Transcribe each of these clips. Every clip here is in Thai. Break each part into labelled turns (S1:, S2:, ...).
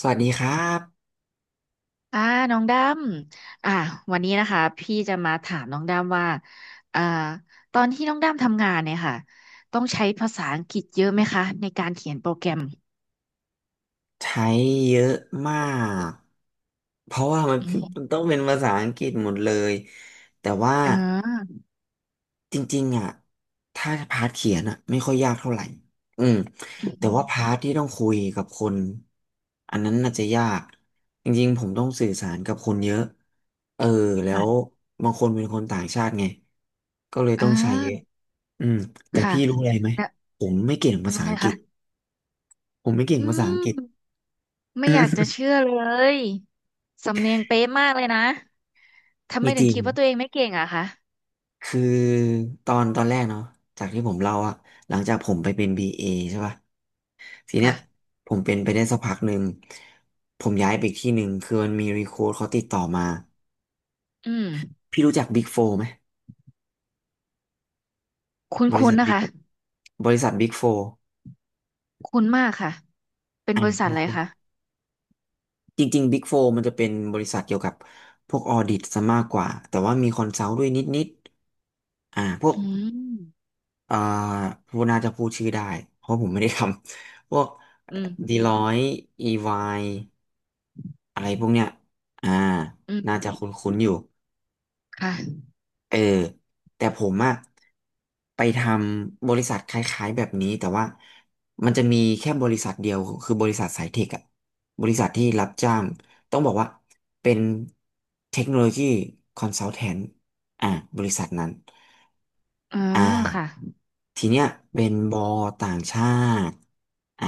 S1: สวัสดีครับ
S2: อ่าน้องดำอ่าวันนี้นะคะพี่จะมาถามน้องดำว่าอ่าตอนที่น้องดำทำงานเนี่ยค่ะต้องใช้ภาษาอังกฤษเยอะไหมคะในการเขียนโปรแกรม
S1: ใช้เยอะมากเพราะว่ามัน
S2: อื
S1: มัน
S2: ม
S1: ต้องเป็นภาษาอังกฤษหมดเลยแต่ว่า
S2: อ่า
S1: จริงๆอ่ะถ้าพาร์ทเขียนอ่ะไม่ค่อยยากเท่าไหร่อืม
S2: อื
S1: แต่ว่าพา
S2: ม
S1: ร์ทที่ต้องคุยกับคนอันนั้นน่าจะยากจริงๆผมต้องสื่อสารกับคนเยอะเออแล้ว
S2: ค่ะ
S1: บางคนเป็นคนต่างชาติไงก็เลย
S2: อ่
S1: ต้องใช้เยอะ
S2: า
S1: อืมแต่
S2: ค่ะ
S1: พี่รู้อะไรไหม
S2: นะ
S1: ผมไม่เก่งภา
S2: ดู
S1: ษา
S2: อะไร
S1: อังกฤ
S2: คะ
S1: ษผมไม่เก่ง
S2: อื
S1: ภาษาอังกฤษ
S2: มไม่อยากจะเชื่อเลย สำเนียงเป๊ะมากเลยนะ ทำไม
S1: มีจ
S2: ถึง
S1: ริง
S2: คิดว่าตัวเองไม่เก่งอะคะ
S1: คือตอนแรกเนาะจากที่ผมเล่าอะหลังจากผมไปเป็น BA ใช่ป่ะทีเนี้
S2: ค่ะ
S1: ยผมเป็นไปได้สักพักหนึ่ง ผมย้ายไปอีกที่หนึ่ง คือมันมีรีโค้ดเขาติดต่อมา
S2: อืม
S1: พี่รู้จัก Big Four ไหม
S2: คุ
S1: บริ
S2: ้
S1: ษั
S2: น
S1: ท
S2: ๆนะ
S1: Big
S2: คะ
S1: บริษัท Big Four
S2: คุ้นมากค่ะ เป็น
S1: อ่า
S2: บ
S1: น
S2: ริษั
S1: คุ
S2: ท
S1: ณ
S2: อะไร
S1: คุณ
S2: คะ
S1: จริงๆ Big Four มันจะเป็นบริษัทเกี่ยวกับพวกออดิตซะมากกว่า แต่ว่ามีคอนซัลท์ด้วยนิดๆอ่าพวก
S2: อืม
S1: อ่าพูดน่าจะพูดชื่อได้ เพราะผมไม่ได้ทำ พวก
S2: อืม
S1: ดีร้อยอีวายอะไรพวกเนี้ยอ่า
S2: อื
S1: น่า
S2: ม
S1: จะคุ้นๆอยู่
S2: ค่ะ
S1: เออแต่ผมอะไปทำบริษัทคล้ายๆแบบนี้แต่ว่ามันจะมีแค่บริษัทเดียวคือบริษัทสายเทคอะบริษัทที่รับจ้างต้องบอกว่าเป็นเทคโนโลยีคอนซัลแทนอ่าบริษัทนั้น
S2: อ๋อ
S1: อ่า
S2: ค่ะ
S1: ทีเนี้ยเป็นบอต่างชาติอ่า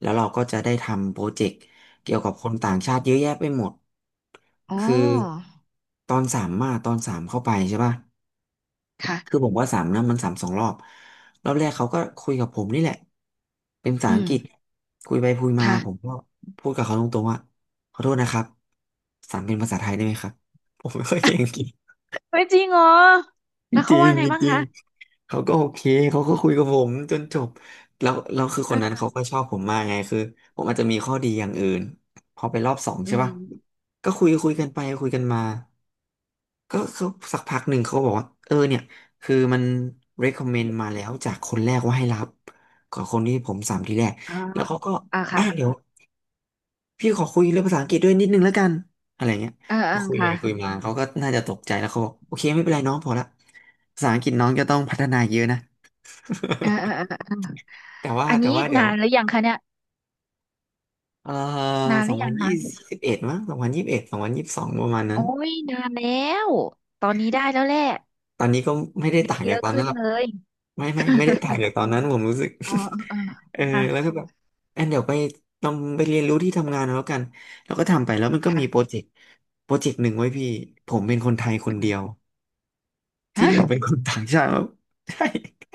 S1: แล้วเราก็จะได้ทำโปรเจกต์ เกี่ยวกับคนต่างชาติเยอะแยะไปหมด
S2: อ๋อ
S1: คือตอนสามมาตอนสามเข้าไปใช่ป่ะคือ
S2: ค่ะ
S1: ผมว่าสามนะมันสามสองรอบรอบแรกเขาก็คุยกับผมนี่แหละเป็นภาษา
S2: อื
S1: อังกฤษ
S2: ม
S1: คุยไปคุยมาผม
S2: ค่ะ
S1: ก็พูดกับเขาตรงๆว่าขอโทษนะครับสามเป็นภาษาไทยได้ไหมครับผมไม่ค่อยเก่งอังกฤษ
S2: เฮ้ยจริงเหรอ
S1: จ
S2: แล้วเขา
S1: ริง
S2: ว่าไง
S1: ๆจ
S2: บ้าง
S1: ริง
S2: คะ
S1: ๆเขาก็โอเคเขาก็คุยกับผมจนจบแล้วแล้วคือค
S2: เอ
S1: นนั้น
S2: อ
S1: เขาก็ชอบผมมากไงคือผมอาจจะมีข้อดีอย่างอื่นพอไปรอบสอง
S2: อื
S1: ใช่ป่ะ
S2: ม
S1: ก็คุยกันไปคุยกันมาก็เขาสักพักหนึ่งเขาบอกว่า เออเนี่ยคือมัน recommend มาแล้วจากคนแรกว่าให้รับกับคนที่ผมสามทีแรก
S2: อ๋อ
S1: แล้วเขาก็
S2: อ่า
S1: อ่ะ
S2: ค่ะ
S1: เดี๋ยว พี่ขอคุยเรื่องภาษาอังกฤษด้วยนิดนึงแล้วกันอะไรเงี้ย
S2: เออเอ
S1: ก็
S2: อ
S1: คุย
S2: ค่ะ
S1: ไปคุยมาเขาก็น่าจะตกใจแล้วเขาบอกโอเคไม่เป็นไรน้องพอละภาษาอังกฤษน้องจะต้องพัฒนาเยอะนะ
S2: เออเออเออเออ
S1: แต่ว่า
S2: อัน
S1: แต่
S2: นี้
S1: ว่าเดี๋ย
S2: นา
S1: ว
S2: นหรือยังคะเนี่ย
S1: เอ่อ
S2: นาน
S1: ส
S2: ห
S1: อ
S2: รื
S1: ง
S2: อ
S1: พั
S2: ยั
S1: น
S2: ง
S1: ยี่
S2: คะ
S1: สิบเอ็ดมั้งสองพันยี่สิบเอ็ด2022ประมาณนั้
S2: โอ้
S1: น
S2: ยนานแล้ว ตอนนี้ได้แล้วแหละ
S1: ตอนนี้ก็ไม่ได้
S2: ได้
S1: ต่าง
S2: เย
S1: จาก
S2: อะ
S1: ตอน
S2: ขึ้
S1: นั้
S2: น
S1: นหรอก
S2: เลย
S1: ไม่ได้ต่างจากตอนนั้นผมรู้สึก
S2: อ๋อเออเออ
S1: เออ
S2: ค่ะ
S1: แล้วก็แบบแอนเดี๋ยวไปต้องไปเรียนรู้ที่ทำงานเอาแล้วกันแล้วก็ทำไปแล้วมันก็มีโปร
S2: ค่ะ
S1: เจกต์โปรเจกต์หนึ่งไว้พี่ผมเป็นคนไทยคนเดียว
S2: ค่ะ
S1: ที่
S2: ฮะ
S1: เหลือเป็นคนต่างชาติ หมดใช่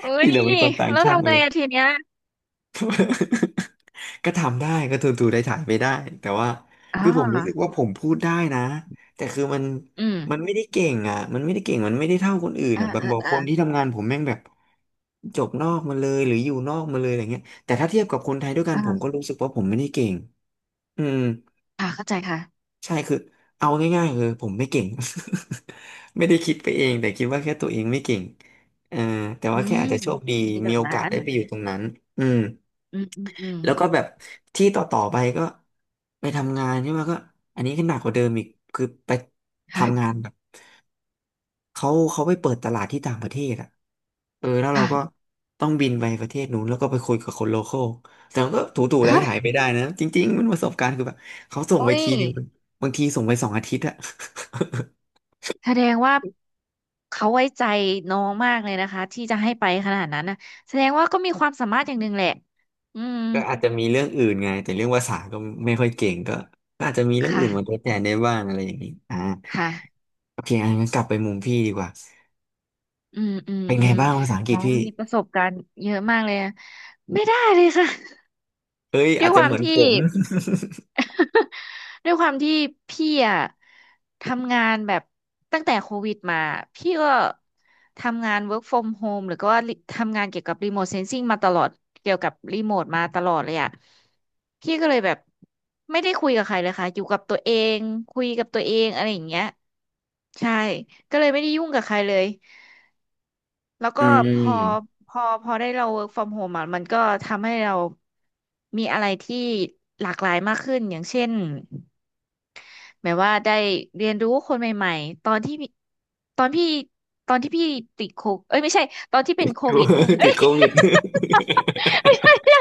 S2: เอ้
S1: ที่
S2: ย
S1: เหลือเป็นคนต่าง
S2: แล้ว
S1: ชาติหม
S2: ทำ
S1: ด
S2: ไง
S1: เลย
S2: อะทีเนี้ย
S1: ก็ทำได้ก็ทูได้ถ่ายไปได้แต่ว่า
S2: อ๋อ
S1: คือผมรู้สึกว่าผมพูดได้นะแต่คือมัน
S2: อืม
S1: มันไม่ได้เก่งอ่ะมันไม่ได้เก่งมันไม่ได้เท่าคนอื่น
S2: ออ
S1: อ่ะแบบบอก
S2: เออ
S1: คนที่ทำงานผมแม่งแบบจบนอกมาเลยหรืออยู่นอกมาเลยอะไรเงี้ยแต่ถ้าเทียบกับคนไทยด้วยกันผมก็
S2: เออ
S1: รู้สึกว่าผมไม่ได้เก่งอืม
S2: ค่ะเข้าใจค่ะ
S1: ใช่คือเอาง่ายๆคือผมไม่เก่ง ไม่ได้คิดไปเองแต่คิดว่าแค่ตัวเองไม่เก่งเออแต่
S2: อื
S1: ว่าแค่
S2: ม
S1: อาจจะโชคดี
S2: คิดแบ
S1: มี
S2: บ
S1: โอ
S2: นั้
S1: กาส
S2: น
S1: ได้ไปอยู่ตรงนั้นอืม
S2: อืม อืมอืม
S1: แล้วก็แบบที่ต่อไปก็ไปทำงานใช่ไหมก็อันนี้ก็หนักกว่าเดิมอีกคือไปทำงา
S2: ค่ะ
S1: นแบบเขาไปเปิดตลาดที่ต่างประเทศอ่ะเออแล้วเรา
S2: ค่ะ
S1: ก็ต้องบินไปประเทศนู้นแล้วก็ไปคุยกับคนโลคอลแต่มันก็ถูๆ
S2: ฮะ
S1: ไถๆไปได้นะจริงๆมันประสบการณ์คือแบบเขาส่ง
S2: โอ้
S1: ไป
S2: ย
S1: ทีหนึ่งบางทีส่งไป2 อาทิตย์อะ
S2: แสดงว่าเขาไว้ใจน้องมากเลยนะคะที่จะให้ไปขนาดนั้นนะแสดงว่าก็มีความสามารถอย่างหนึ่งแหละอืม
S1: ก็อาจจะมีเรื่องอื่นไงแต่เรื่องภาษาก็ไม่ค่อยเก่งก็ก็อาจจะมีเรื่องอื่นมาท
S2: ค่ะ
S1: ดแทนได้บ้างอะไรอย่างนี้อ่า
S2: ค่ะ
S1: โอเคอันนั้นกลับไปมุมพี่ดีกว่า
S2: อืมอืม
S1: เป็น
S2: อื
S1: ไง
S2: ม
S1: บ้างภาษาอังกฤ
S2: น้
S1: ษ
S2: อง
S1: พี่
S2: มีประสบการณ์เยอะมากเลยอะไม่ได้เลยค่ะ
S1: เอ้ย
S2: ด้
S1: อา
S2: ว
S1: จ
S2: ยค
S1: จะ
S2: วา
S1: เห
S2: ม
S1: มือนผ
S2: ที่
S1: ม
S2: ด้วยความที่พี่อะทำงานแบบตั้งแต่โควิดมาพี่ก็ทำงาน work from home หรือก็ว่าทำงานเกี่ยวกับ remote sensing มาตลอดเกี่ยวกับรีโมทมาตลอดเลยอะพี่ก็เลยแบบไม่ได้คุยกับใครเลยค่ะอยู่กับตัวเองคุยกับตัวเองอะไรอย่างเงี้ยใช่ก็เลยไม่ได้ยุ่งกับใครเลย แล้ว
S1: อื
S2: ก็พอ
S1: ม
S2: พอได้เรา work from home อ่ะมันก็ทำให้เรามีอะไรที่หลากหลายมากขึ้นอย่างเช่นหมายว่าได้เรียนรู้คนใหม่ๆตอนที่ตอนพี่ตอนที่พี่ติดโควิดเอ้ยไม่ใช่ตอนที่เป็นโควิด
S1: ติดโควิด
S2: ไม่ใช่ไม่ใช่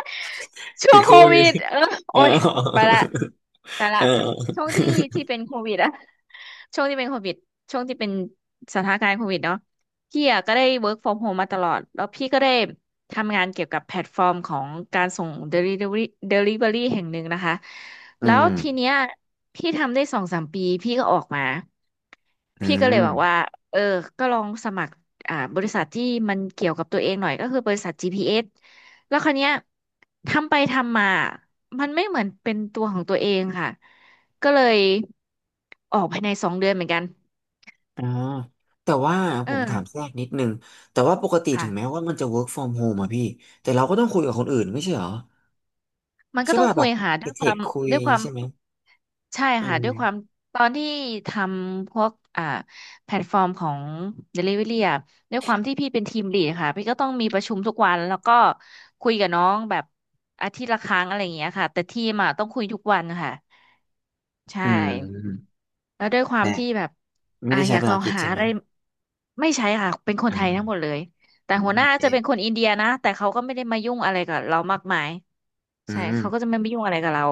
S2: ช่ว
S1: ติด
S2: ง
S1: โค
S2: โค
S1: วิ
S2: วิ
S1: ด
S2: ดเออ
S1: อ๋
S2: โอ้
S1: อ
S2: ยไปละไป ละ
S1: เออ
S2: ช่วงที่ที่เป็นโควิดอะช่วงที่เป็นโควิดช่วงที่เป็นสถานการณ์โควิดเนาะพี่อะก็ได้ work from home มาตลอดแล้วพี่ก็ได้ทำงานเกี่ยวกับแพลตฟอร์มของการส่ง delivery delivery แห่งหนึ่งนะคะ
S1: อื
S2: แล้
S1: ม
S2: วทีเนี้ยพี่ทำได้สองสามปีพี่ก็ออกมา
S1: อื
S2: พี่ก็เลยบอกว่า
S1: ม
S2: เออก็ลองสมัครอ่าบริษัทที่มันเกี่ยวกับตัวเองหน่อยก็คือบริษัทจีพีเอส แล้วคราวเนี้ยทำไปทำมา มันไม่เหมือนเป็นตัวของตัวเองค่ะ ก็เลยออกภายในสองเดือนเหมือนกัน
S1: อ่าแต่ว่าผ
S2: เอ
S1: มถามแท
S2: อ
S1: รกนิดนึงแต่ว่าปกติถึงแม้
S2: ค่ะ
S1: ว่ามันจะ work from home อะพี่แต่เราก็ต้องคุยกับคนอื่นไม่ใช่เหรอ
S2: มันก็
S1: ใช่
S2: ต้อง
S1: ป่ะแบ
S2: คุย
S1: บ
S2: ค่ะ
S1: ไป
S2: ด้วย
S1: เท
S2: ควา
S1: ค
S2: ม
S1: คุย
S2: ด้วยความ
S1: ใช่ไหม
S2: ใช่
S1: อื
S2: ค่ะด้วยความ
S1: ม
S2: ตอนที่ทำพวกอ่าแพลตฟอร์มของ Delivery อะด้วยความที่พี่เป็นทีมลีดค่ะพี่ก็ต้องมีประชุมทุกวันแล้วก็คุยกับน้องแบบอาทิตย์ละครั้งอะไรอย่างเงี้ยค่ะแต่ทีมอะต้องคุยทุกวันค่ะใช่
S1: อืม
S2: แล้วด้วยความ
S1: แต่
S2: ที่แบบ
S1: ไม่
S2: อ่า
S1: ได้
S2: อ
S1: ใช้
S2: ยาก
S1: ภา
S2: ล
S1: ษา
S2: อ
S1: อั
S2: ง
S1: งกฤษ
S2: หา
S1: ใช่
S2: อะ
S1: ไหม
S2: ไรไม่ใช่ค่ะเป็นคนไทยทั้ง
S1: อ่า
S2: หมดเลย แต่
S1: อ่า
S2: หัวห
S1: โอ
S2: น้า
S1: เค
S2: จะเป็นคนอินเดียนะแต่เขาก็ไม่ได้มายุ่งอะไรกับเรามากมาย
S1: อื
S2: ใช่
S1: ม
S2: เขาก็จะไม่มายุ่งอะไรกับเรา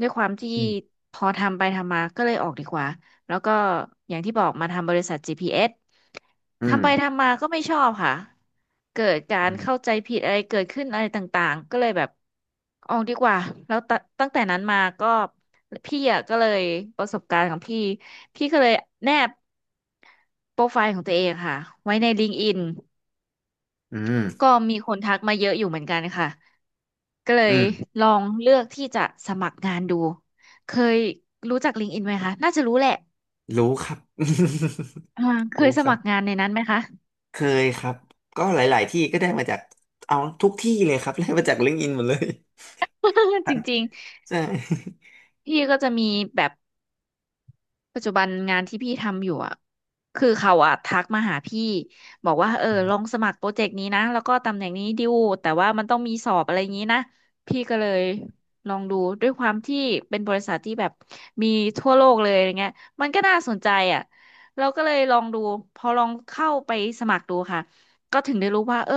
S2: ด้วยความที่
S1: อืม
S2: พอทำไปทำมาก็เลยออกดีกว่าแล้วก็อย่างที่บอกมาทำบริษัท GPS
S1: อืม
S2: ทำไปทำมาก็ไม่ชอบค่ะเกิดกา
S1: อื
S2: รเข้า
S1: ม
S2: ใจผิดอะไรเกิดขึ้นอะไรต่างๆก็เลยแบบออกดีกว่าแล้วตั้งแต่นั้นมาก็พี่อ่ะก็เลยประสบการณ์ของพี่พี่ก็เลยแนบโปรไฟล์ของตัวเองค่ะไว้ในLinkedIn
S1: อืม
S2: ก็มีคนทักมาเยอะอยู่เหมือนกันค่ะก็เล
S1: อื
S2: ย
S1: ม
S2: ลองเลือกที่จะสมัครงานดูเคยรู้จัก LinkedIn ไหมคะน่าจะรู้แหละ
S1: รู้ครับ
S2: อ่าเค
S1: รู้
S2: ยส
S1: ครั
S2: มัครงาน
S1: บ
S2: ในนั้นไหมคะ
S1: เคยครับก็หลายๆที่ก็ได้มาจากเอาทุกที่เลยครับ ได้มาจากลิงก์อินหมดเลย
S2: จ ริง
S1: ใช่
S2: ๆพี่ก็จะมีแบบ ปัจจุบันงานที่พี่ทำอยู่อ่ะคือเขาอ่ะทักมาหาพี่บอกว่าเออลองสมัครโปรเจกต์นี้นะแล้วก็ตำแหน่งนี้ดิวแต่ว่ามันต้องมีสอบอะไรอย่างนี้นะพี่ก็เลยลองดูด้วยความที่เป็นบริษัทที่แบบมีทั่วโลกเลยอะไรเงี้ยมันก็น่าสนใจอ่ะเราก็เลยลองดูพอลองเข้าไปสมัครดูค่ะก็ถึงได้รู้ว่าเออ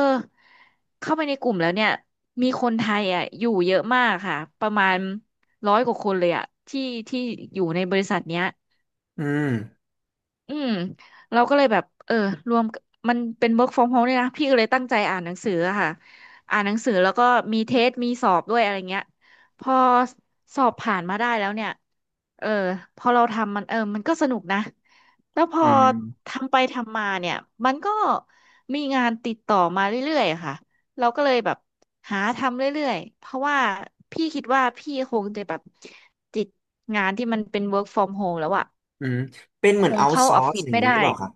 S2: เข้าไปในกลุ่มแล้วเนี่ยมีคนไทยอ่ะอยู่เยอะมากค่ะประมาณร้อยกว่าคนเลยอ่ะที่ที่อยู่ในบริษัทเนี้ย
S1: อืม
S2: อืมเราก็เลยแบบเออรวมมันเป็น work from home เนี่ยนะพี่ก็เลยตั้งใจอ่านหนังสืออะค่ะอ่านหนังสือแล้วก็มีเทสมีสอบด้วยอะไรเงี้ยพอสอบผ่านมาได้แล้วเนี่ยเออพอเราทำมันมันก็สนุกนะแล้วพ
S1: อื
S2: อ
S1: ม
S2: ทำไปทำมาเนี่ยมันก็มีงานติดต่อมาเรื่อยๆอะค่ะเราก็เลยแบบหาทำเรื่อยๆเพราะว่าพี่คิดว่าพี่คงจะแบบติดงานที่มันเป็น work from home แล้วอะ
S1: อืมเป็นเห
S2: ค
S1: มือน
S2: ง
S1: เอา
S2: เข้า
S1: ซอ
S2: ออฟ
S1: ร์ส
S2: ฟิศ
S1: อย่าง
S2: ไม่
S1: นี้หรือ
S2: ได้
S1: เปล่าครับ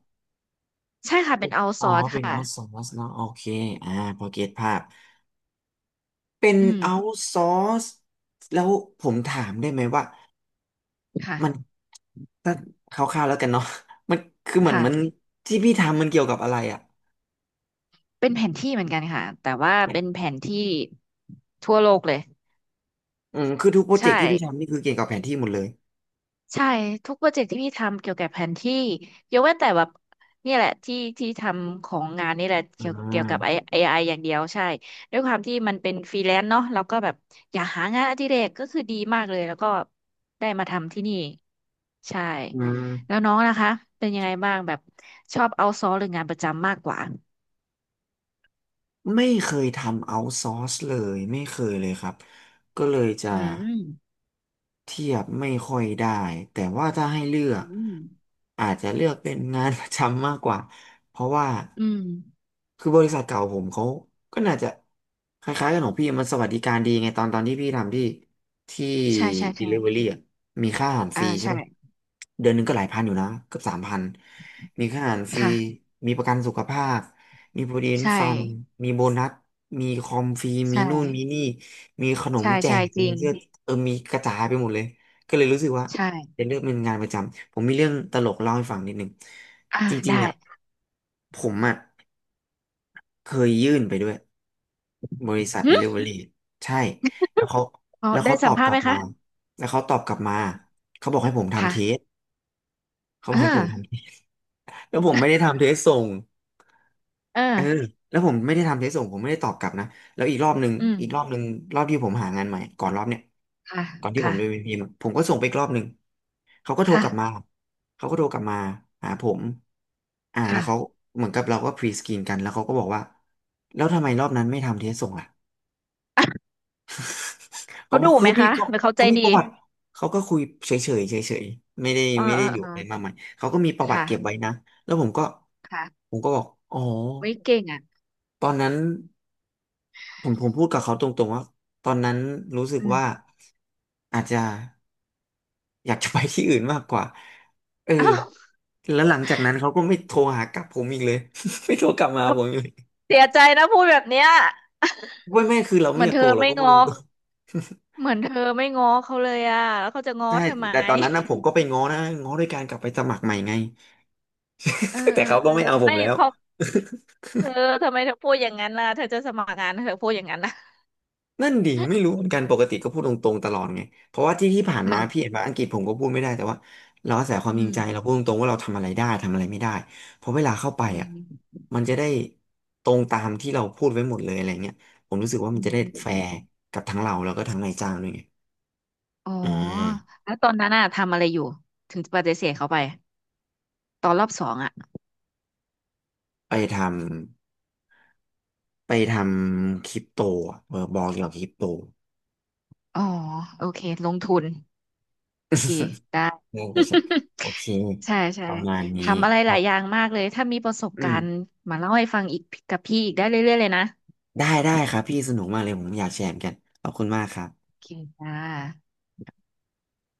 S2: ใช่ค่ะเป็นเอาซ
S1: อ๋อ
S2: อร์ส
S1: เป็น
S2: ค่ะ
S1: out ซอร์สเนอะโอเคอ่าพอเก็ตภาพเป็น
S2: อืม
S1: เอาซอร์สแล้วผมถามได้ไหมว่า
S2: ค่ะ
S1: มัน ถ้าคร่าวๆแล้วกันเนาะ มันคือเหมือนมัน
S2: ค่ะ
S1: ที่พี่ทำมันเกี่ยวกับอะไรอ่ะ
S2: เป็นแผนที่เหมือนกันค่ะแต่ว่าเป็นแผนที่ทั่วโลกเลย
S1: อืมคือทุกโปรเจ
S2: ใช่
S1: กต์ที่พี่ทำนี่คือเกี่ยวกับแผนที่หมดเลย
S2: ใช่ทุกโปรเจกต์ที่พี่ทำเกี่ยวกับแผนที่ยกเว้นแต่แบบนี่แหละที่ที่ทำของงานนี่แหละ
S1: อื
S2: เกี่ยวกับ
S1: ม
S2: AI อไออย่างเดียวใช่ด้วยความที่มันเป็นฟรีแลนซ์เนาะเราก็แบบอยากหางานอดิเรกก็คือดีมากเลยแล้วก็ได้มาทำที่นี่ใช่
S1: อื
S2: แล้ว
S1: ม
S2: น้องนะคะเป็นยังไงบ้างแบบชอบเอาซอหรืองานประจำมากกว่า
S1: ไม่เคยทำเอาท์ซอร์สเลยไม่เคยเลยครับก็เลยจะ
S2: อืม
S1: เทียบไม่ค่อยได้แต่ว่าถ้าให้เลือก
S2: อืม
S1: อาจจะเลือกเป็นงานประจำมากกว่าเพราะว่า
S2: อืม
S1: คือบริษัทเก่าผมเขาก็น่าจะคล้ายๆกันของพี่มันสวัสดิการดีไงตอนที่พี่ทำที่ ที่
S2: ใช่ใช่ใช่
S1: Delivery อ่ะมีค่าอาหารฟ
S2: อ่า
S1: รีใช่
S2: ใช่
S1: ป่ะเดือนหนึงก็หลายพันอยู่นะเกือบสามพันมีค่าอาหารฟรี
S2: ค่ะ
S1: มีประกันสุขภาพมี Provident
S2: ใช่
S1: Fund มีโบนัสมีคอมฟรีมี
S2: ใช่
S1: นู่นมีนี่มีขนม
S2: ใช่
S1: แจ
S2: ใช่
S1: ก
S2: จ
S1: มี
S2: ริง
S1: เสื้อเออมีกระจายไปหมดเลยก็เลยรู้สึกว่า
S2: ใช่
S1: เป็นเรื่องเป็นงานประจำผมมีเรื่องตลกเล่าให้ฟังนิดนึง
S2: อ่า
S1: จริง
S2: ได้
S1: ๆอ่ะผมอ่ะ เคยยื่นไปด้วยบริษัท
S2: หึ
S1: Delivery ใช่แล้วเขา
S2: อ๋อ
S1: แล้ว
S2: ได้
S1: เขาต
S2: สั
S1: อ
S2: ม
S1: บ
S2: ภาษ
S1: ก
S2: ณ์
S1: ลั
S2: ไห
S1: บ
S2: ม
S1: มา
S2: คะ
S1: แล้วเขาตอบกลับมาเขาบอกให้ผมทำเทส
S2: ค่ะ
S1: เขาบอก
S2: อ่า
S1: ให้ผมทำเทสแล้วผมไม่ได้ทำเทสส่ง
S2: เอ
S1: เออ
S2: อ
S1: แล้วผมไม่ได้ทำเทสส่งผมไม่ได้ตอบกลับนะแล้วอีกรอบหนึ่ง
S2: อืม
S1: อีกรอบหนึ่งรอบที่ผมหางานใหม่ก่อนรอบเนี้ย
S2: ค่ะ
S1: ก่อนที่ผม
S2: ค่ะ
S1: จะไปพิมพ์อะผมก็ส่งไปอีกรอบหนึ่งเขาก็โทร
S2: ค่ะ
S1: กลับมาเขาก็โทรกลับมาหาผมอ่า
S2: ค
S1: แล้วเขา
S2: ่ะ
S1: เหมือนกับเราก็พรีสกรีนกันแล้วเขาก็บอกว่าแล้วทำไมรอบนั้นไม่ทำเทสส่งอ่ะเขา
S2: เขา
S1: บอก
S2: ดุไหมคะหรือเขาใจ
S1: เขามีป
S2: ดี
S1: ระวัติเขาก็คุยเฉยๆไม่ได้
S2: เออ
S1: ไม่
S2: เอ
S1: ได้
S2: อ
S1: ดู
S2: เออ
S1: อะไรมากมายเขาก็มีประวัติ
S2: ค่ะ
S1: เก็บไว้นะแล้วผมก็
S2: ค่ะ
S1: ผมก็บอกอ๋อ
S2: ไว้ยเก่งอ่ะ
S1: ตอนนั้น ผมพูดกับเขาตรงๆว่าตอนนั้นรู้สึก
S2: อืม
S1: ว่าอาจจะอยากจะไปที่อื่นมากกว่าเออ
S2: อ้าว
S1: แล้วหลังจากนั้นเขาก็ไม่โทรหากลับผมอีกเลย ไม่โทรกลับมาหา
S2: เอา
S1: ผมอีกเลย
S2: เสียใจนะพูดแบบเนี้ย
S1: ไม่คือเรา
S2: เห
S1: ไม่
S2: มือ
S1: อ
S2: น
S1: ยาก
S2: เธ
S1: โก
S2: อ
S1: งเรา
S2: ไม่
S1: ก็พูด
S2: ง้
S1: ต
S2: อ
S1: รง
S2: เหมือนเธอไม่ง้อเขาเลยอ่ะแล้วเขาจะง้
S1: ๆ
S2: อ
S1: ใช่
S2: เธอไหม
S1: แต่ตอนนั้นนะผมก็ไปง้อนะง้อด้วยการกลับไปสมัครใหม่ไง
S2: เออ
S1: แต่
S2: เออ
S1: เขาก็
S2: เออ
S1: ไม่เอาผ
S2: ไม่
S1: มแล้ว
S2: เพอเธอทำไมเธอพูดอย่างนั้นล่ะเธอจะสมัครงานเธอพูดอย่างนั้นนะ
S1: นั่นดิไม่รู้เหมือนกันปกติก็พูดตรงๆตลอดไงเพราะว่าที่ที่ผ่าน
S2: เห
S1: มา
S2: มือน
S1: พี่เห็นว่าอังกฤษผมก็พูดไม่ได้แต่ว่าเราอาศัยความ
S2: อื
S1: จริง
S2: ม
S1: ใจเราพูดตรงๆว่าเราทำอะไรได้ทำอะไรไม่ได้เพราะเวลาเข้าไป
S2: อื
S1: อ่ะ
S2: ม
S1: มันจะได้ตรงตามที่เราพูดไว้หมดเลยอะไรเงี้ยผมรู้สึกว่า
S2: อื
S1: มันจะ
S2: ม
S1: ได้แฟร์กับทั้งเราแล้วก็ทั้งนายจ้างด้วยไง
S2: อ๋อ
S1: อ่า
S2: แล้วตอนนั้นอะทำอะไรอยู่ถึงปฏิเสธเขาไปตอนรอบสองอะ
S1: ไปทำไปทำคริปโตอะเออบอกเกี่ยวกับคริปโต
S2: อ๋อโอเคลงทุนโอเค ได้
S1: น่าจะใช่ โอเค
S2: ใช่ใช่
S1: ประมาณนี้
S2: ทำอะไร
S1: ค
S2: ห
S1: รั
S2: ลายอย่า
S1: บ
S2: งมากเลยถ้ามีประสบ
S1: อื
S2: กา
S1: ม
S2: รณ์มาเล่าให้ฟังอีกกับพี่อีกได้เรื่อยๆเลยนะ
S1: ได้ได้ครับพี่สนุกมากเลยผมอยากแชร์เหมือนกันขอบคุณมากครับ
S2: โอเคจ้า